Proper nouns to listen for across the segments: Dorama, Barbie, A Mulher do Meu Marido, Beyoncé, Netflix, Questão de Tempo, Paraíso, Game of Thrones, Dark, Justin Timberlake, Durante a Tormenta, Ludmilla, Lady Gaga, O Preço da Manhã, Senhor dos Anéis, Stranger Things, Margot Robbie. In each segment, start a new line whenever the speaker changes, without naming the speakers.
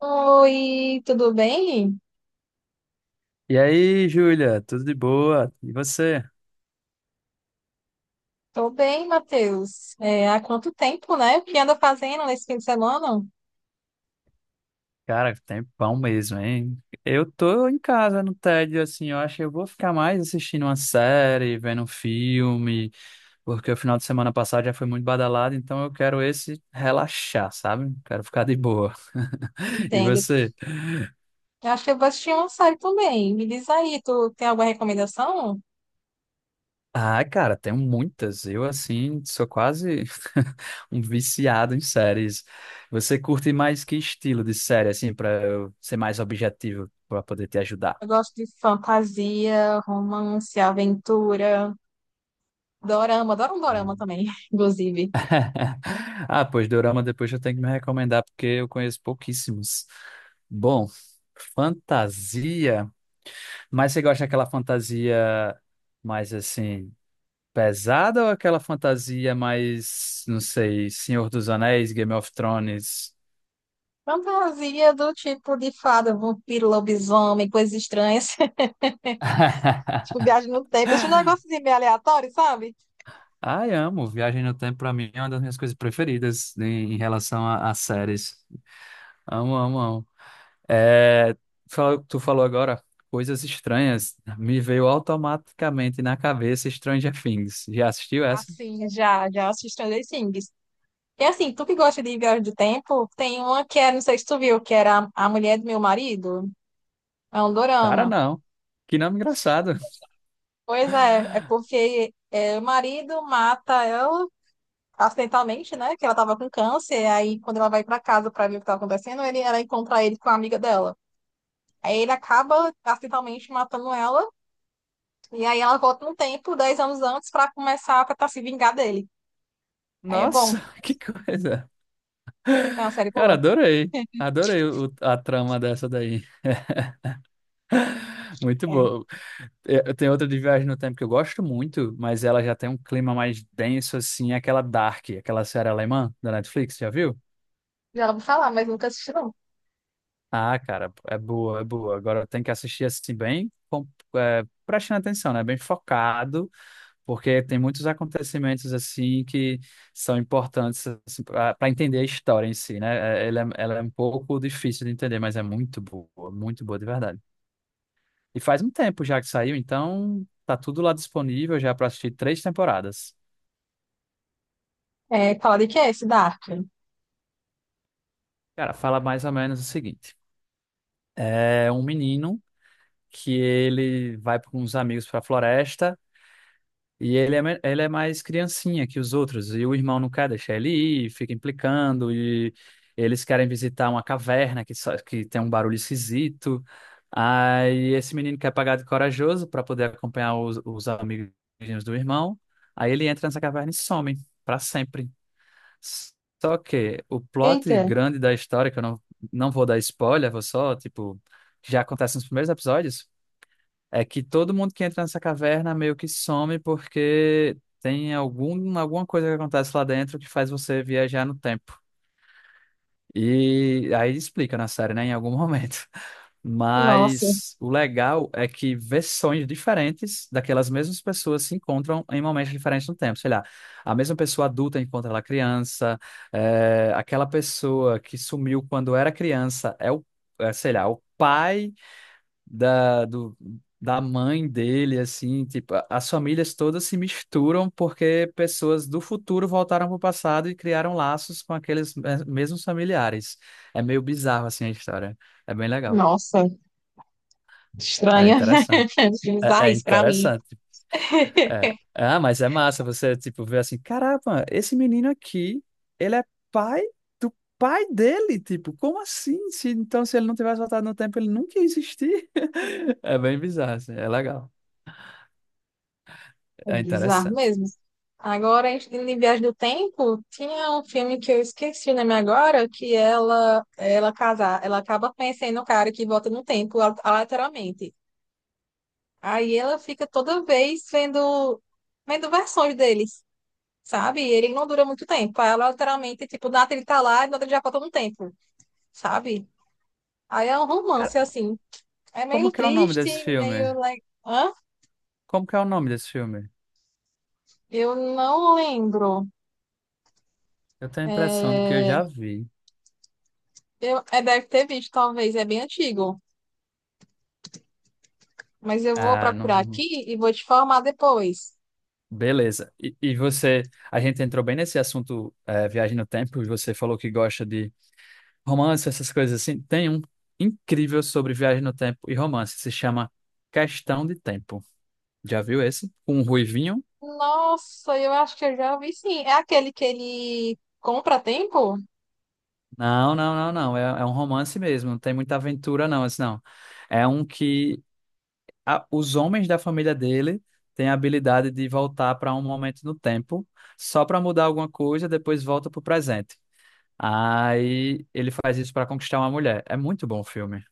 Oi, tudo bem?
E aí, Júlia, tudo de boa? E você?
Tô bem, Matheus. É, há quanto tempo, né? O que anda fazendo nesse fim de semana?
Cara, tempão mesmo, hein? Eu tô em casa no tédio, assim, eu acho que eu vou ficar mais assistindo uma série, vendo um filme, porque o final de semana passado já foi muito badalado, então eu quero esse relaxar, sabe? Quero ficar de boa. E
Entendo.
você?
Eu acho que eu vou assistir uma série também. Me diz aí, tu tem alguma recomendação?
Ah, cara, tenho muitas. Eu, assim, sou quase um viciado em séries. Você curte mais que estilo de série, assim, pra eu ser mais objetivo, pra poder te ajudar?
Eu gosto de fantasia, romance, aventura, dorama. Adoro um dorama também, inclusive.
Ah, pois Dorama depois eu tenho que me recomendar, porque eu conheço pouquíssimos. Bom, fantasia. Mas você gosta daquela fantasia mais assim, pesada ou aquela fantasia mais, não sei, Senhor dos Anéis, Game of Thrones?
Fantasia do tipo de fada, vampiro, lobisomem, coisas estranhas. Tipo, viagem no tempo. Esses negócios meio aleatórios, sabe?
Ai, amo. Viagem no Tempo, pra mim, é uma das minhas coisas preferidas em relação a séries. Amo, amo, amo. É, tu falou agora coisas estranhas. Me veio automaticamente na cabeça Stranger Things. Já assistiu essa?
Assim, já assisti Stranger Things. E assim, tu que gosta de viagem de tempo, tem uma que é, não sei se tu viu, que era A Mulher do Meu Marido. É um
Cara,
dorama.
não. Que nome engraçado.
Pois é, o marido mata ela acidentalmente, né? Que ela tava com câncer. Aí, quando ela vai pra casa pra ver o que tá acontecendo, ela encontra ele com a amiga dela. Aí ele acaba acidentalmente matando ela. E aí ela volta no tempo, 10 anos antes, pra começar a tentar se vingar dele. Aí é
Nossa,
bom.
que coisa.
É uma série
Cara,
boa.
adorei. Adorei a trama dessa daí. Muito
É.
boa. Eu tenho outra de Viagem no Tempo que eu gosto muito, mas ela já tem um clima mais denso, assim, aquela Dark, aquela série alemã da Netflix, já viu?
Já vou falar, mas nunca assisti, não.
Ah, cara, é boa, é boa. Agora tem que assistir assim bem, é, prestando atenção, né? Bem focado, porque tem muitos acontecimentos assim que são importantes assim, para entender a história em si, né? É, ela é, ela é um pouco difícil de entender, mas é muito boa de verdade. E faz um tempo já que saiu, então tá tudo lá disponível já para assistir três temporadas.
É, fala de que é esse Dark?
Cara, fala mais ou menos o seguinte: é um menino que ele vai com uns amigos para a floresta. E ele é, ele é mais criancinha que os outros. E o irmão não quer deixar ele ir, fica implicando. E eles querem visitar uma caverna que, só, que tem um barulho esquisito. Aí esse menino quer pagar de corajoso para poder acompanhar os amigos do irmão. Aí ele entra nessa caverna e some para sempre. Só que o plot
Eita.
grande da história, que eu não, não vou dar spoiler, vou só, tipo, já acontece nos primeiros episódios. É que todo mundo que entra nessa caverna meio que some porque tem algum, alguma coisa que acontece lá dentro que faz você viajar no tempo. E aí explica na série, né, em algum momento.
Nossa,
Mas o legal é que versões diferentes daquelas mesmas pessoas se encontram em momentos diferentes no tempo. Sei lá, a mesma pessoa adulta encontra ela criança, aquela pessoa que sumiu quando era criança é o, é, sei lá, o pai da, do, da mãe dele, assim, tipo, as famílias todas se misturam porque pessoas do futuro voltaram para o passado e criaram laços com aqueles mesmos familiares. É meio bizarro, assim, a história. É bem legal.
nossa,
É
estranha.
interessante. É, é
Bizarrice pra mim.
interessante. É. Ah, mas é massa você, tipo, ver assim, caramba, esse menino aqui, ele é pai do pai dele, tipo, como assim? Se, então, se ele não tivesse voltado no tempo, ele nunca ia existir. É bem bizarro, assim, é legal.
É
É
bizarro
interessante.
mesmo. Agora, em Viagem do Tempo, tinha um filme que eu esqueci o nome agora, que ela acaba conhecendo um cara que volta no tempo, ela literalmente. Aí ela fica toda vez vendo, vendo versões deles, sabe? E Ele não dura muito tempo. Aí ela literalmente, tipo, nada ele tá lá e nada ele já volta no tempo, sabe? Aí é um romance,
Cara,
assim. É
como
meio
que é o nome desse
triste, meio
filme?
like.
Como que é o nome desse filme?
Eu não lembro.
Eu tenho a impressão de que eu já vi.
Eu, é, deve ter visto, talvez, é bem antigo. Mas eu vou
Ah,
procurar
não.
aqui e vou te formar depois.
Beleza. E você, a gente entrou bem nesse assunto, viagem no tempo, e você falou que gosta de romance, essas coisas assim. Tem um incrível sobre viagem no tempo e romance. Se chama Questão de Tempo. Já viu esse? Com um ruivinho?
Nossa, eu acho que eu já ouvi sim. É aquele que ele compra a tempo?
Não, não, não, não. É, é um romance mesmo. Não tem muita aventura, não. Esse não. É um que os homens da família dele têm a habilidade de voltar para um momento no tempo, só para mudar alguma coisa, depois volta para o presente. Aí ele faz isso para conquistar uma mulher. É muito bom o filme.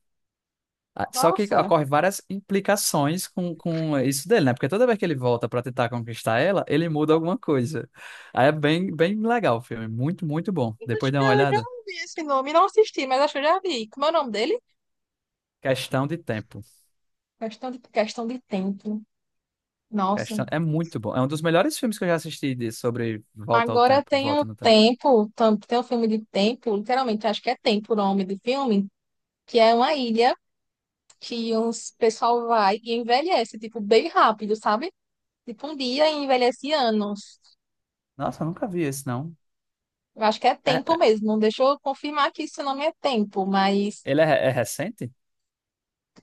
Ah, só que
Nossa,
ocorre várias implicações com isso dele, né? Porque toda vez que ele volta para tentar conquistar ela, ele muda alguma coisa. Aí é bem, bem legal o filme. Muito, muito bom.
eu acho
Depois dá
que
uma
eu já
olhada.
ouvi esse nome. Não assisti, mas acho que eu já vi. Como é o nome dele?
Questão de tempo.
Questão de tempo. Nossa.
Questão... É muito bom. É um dos melhores filmes que eu já assisti de... sobre volta ao
Agora
tempo,
tem um
volta no tempo.
tempo, tem um filme de tempo, literalmente, acho que é tempo o nome do filme, que é uma ilha. Que uns pessoal vai e envelhece, tipo, bem rápido, sabe? Tipo, um dia e envelhece anos.
Nossa, eu nunca vi esse, não.
Eu acho que é
É-
tempo
é-
mesmo. Deixa eu confirmar que isso não é tempo, mas
ele é, é recente?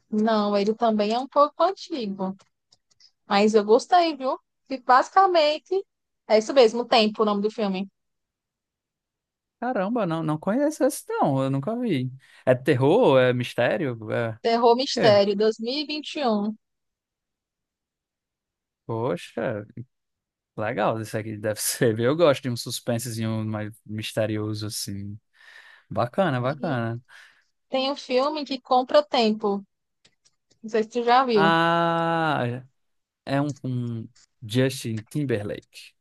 não, ele também é um pouco antigo. Mas eu gostei, viu? E basicamente, é isso mesmo, tempo, o nome do filme.
Caramba, não, não conheço esse, não. Eu nunca vi. É terror? É mistério? É...
Terror
quê?
Mistério, 2021.
Poxa, legal. Isso aqui deve ser. Eu gosto de um suspensezinho mais misterioso, assim. Bacana,
E 21. E
bacana.
tem um filme que compra tempo. Não sei se tu já viu.
Ah, é um com Justin Timberlake.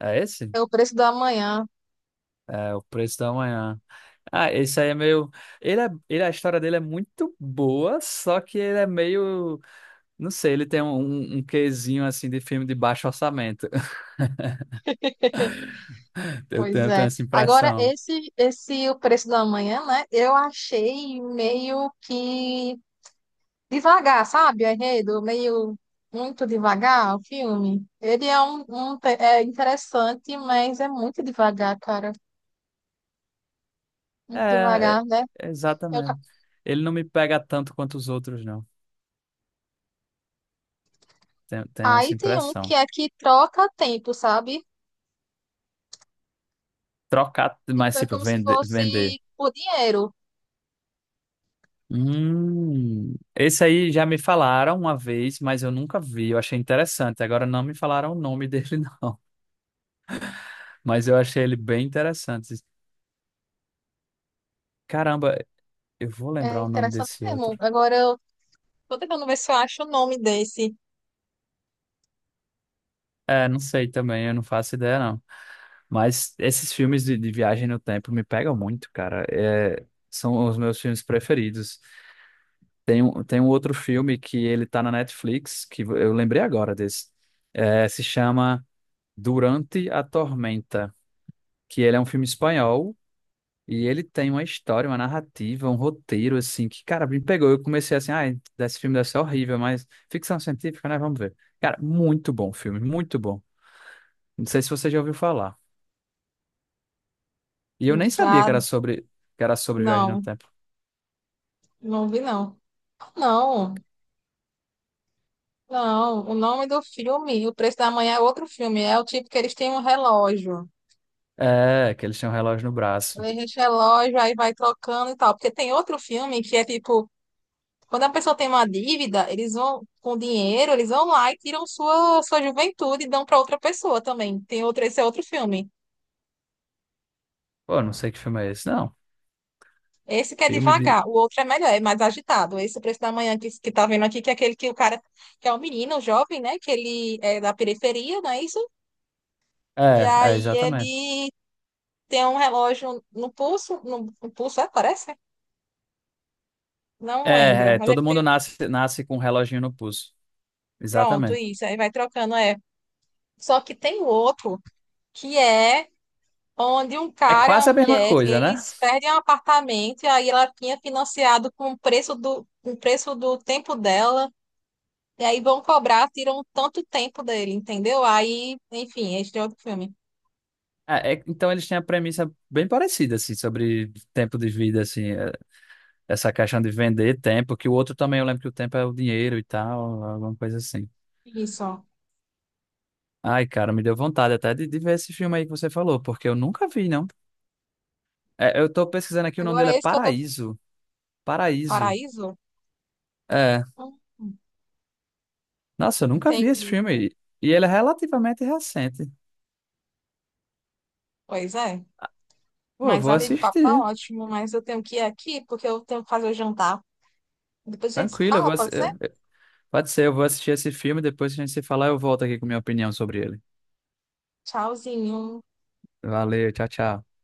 É esse?
É o preço da manhã.
É O Preço da Manhã. Ah, esse aí é meio. Ele é... ele, a história dele é muito boa, só que ele é meio. Não sei, ele tem um, um quezinho assim de filme de baixo orçamento.
Pois
Eu tenho
é.
essa
Agora,
impressão.
esse O Preço da Manhã, né? Eu achei meio que devagar, sabe? O enredo, meio muito devagar o filme. Ele é um é interessante, mas é muito devagar, cara. Muito
É,
devagar, né?
é,
Eu ca-
exatamente. Ele não me pega tanto quanto os outros, não. Tenho, tenho essa
Aí tem um que
impressão.
é que troca tempo, sabe?
Trocar,
Tipo,
mas
é
tipo,
como se
vender,
fosse
vender.
por dinheiro.
Esse aí já me falaram uma vez, mas eu nunca vi. Eu achei interessante. Agora não me falaram o nome dele, não. Mas eu achei ele bem interessante. Caramba, eu vou
É
lembrar o nome
interessante
desse
mesmo.
outro.
Agora, eu tô tentando ver se eu acho o nome desse.
É, não sei também, eu não faço ideia, não. Mas esses filmes de viagem no tempo me pegam muito, cara. É, são os meus filmes preferidos. Tem um outro filme que ele tá na Netflix, que eu lembrei agora desse. É, se chama Durante a Tormenta, que ele é um filme espanhol e ele tem uma história, uma narrativa, um roteiro, assim, que, cara, me pegou. Eu comecei assim, ah, esse filme deve ser horrível, mas ficção científica, né? Vamos ver. Cara, muito bom o filme, muito bom. Não sei se você já ouviu falar. E eu nem sabia
Já,
que era sobre viagem no
não.
tempo.
Não vi, não. Não, não. O nome do filme, O Preço da Manhã é outro filme. É o tipo que eles têm um relógio.
É, que eles têm um relógio no braço.
Eles relógio, aí vai trocando e tal. Porque tem outro filme que é tipo, quando a pessoa tem uma dívida, eles vão com dinheiro, eles vão lá e tiram sua juventude e dão para outra pessoa também. Tem outro, esse é outro filme.
Pô, não sei que filme é esse. Não,
Esse que é
filme de.
devagar, o outro é melhor, é mais agitado. Esse O Preço da Manhã que tá vendo aqui, que é aquele que o cara, que é o menino, o jovem, né? Que ele é da periferia, não é isso? E
É, é,
aí
exatamente.
ele tem um relógio no pulso, no pulso, é, parece? Não lembro,
É, é,
mas ele
todo mundo
tem,
nasce, nasce com um reloginho no pulso.
pronto,
Exatamente.
isso, aí vai trocando, é. Só que tem o outro, que é onde um
É
cara e uma
quase a mesma
mulher,
coisa, né?
eles perdem um apartamento, e aí ela tinha financiado com o preço do, com o preço do tempo dela, e aí vão cobrar, tiram tanto tempo dele, entendeu? Aí, enfim, este é outro filme.
Então eles têm a premissa bem parecida, assim, sobre tempo de vida, assim, é, essa questão de vender tempo, que o outro também, eu lembro que o tempo é o dinheiro e tal, alguma coisa assim.
Isso.
Ai, cara, me deu vontade até de ver esse filme aí que você falou, porque eu nunca vi, não. É, eu tô pesquisando aqui, o nome
Agora
dele é
esse que eu tô...
Paraíso. Paraíso.
Paraíso?
É,
Hum,
nossa, eu nunca vi esse
entendi.
filme. E ele é relativamente recente.
Pois é.
Pô, eu
Mas,
vou
amigo, o papo tá
assistir.
ótimo, mas eu tenho que ir aqui porque eu tenho que fazer o jantar. Depois a gente se
Tranquilo, eu
fala,
vou
pode ser?
Pode ser, eu vou assistir esse filme. Depois que a gente se falar, eu volto aqui com minha opinião sobre ele.
Tchauzinho.
Valeu, tchau, tchau.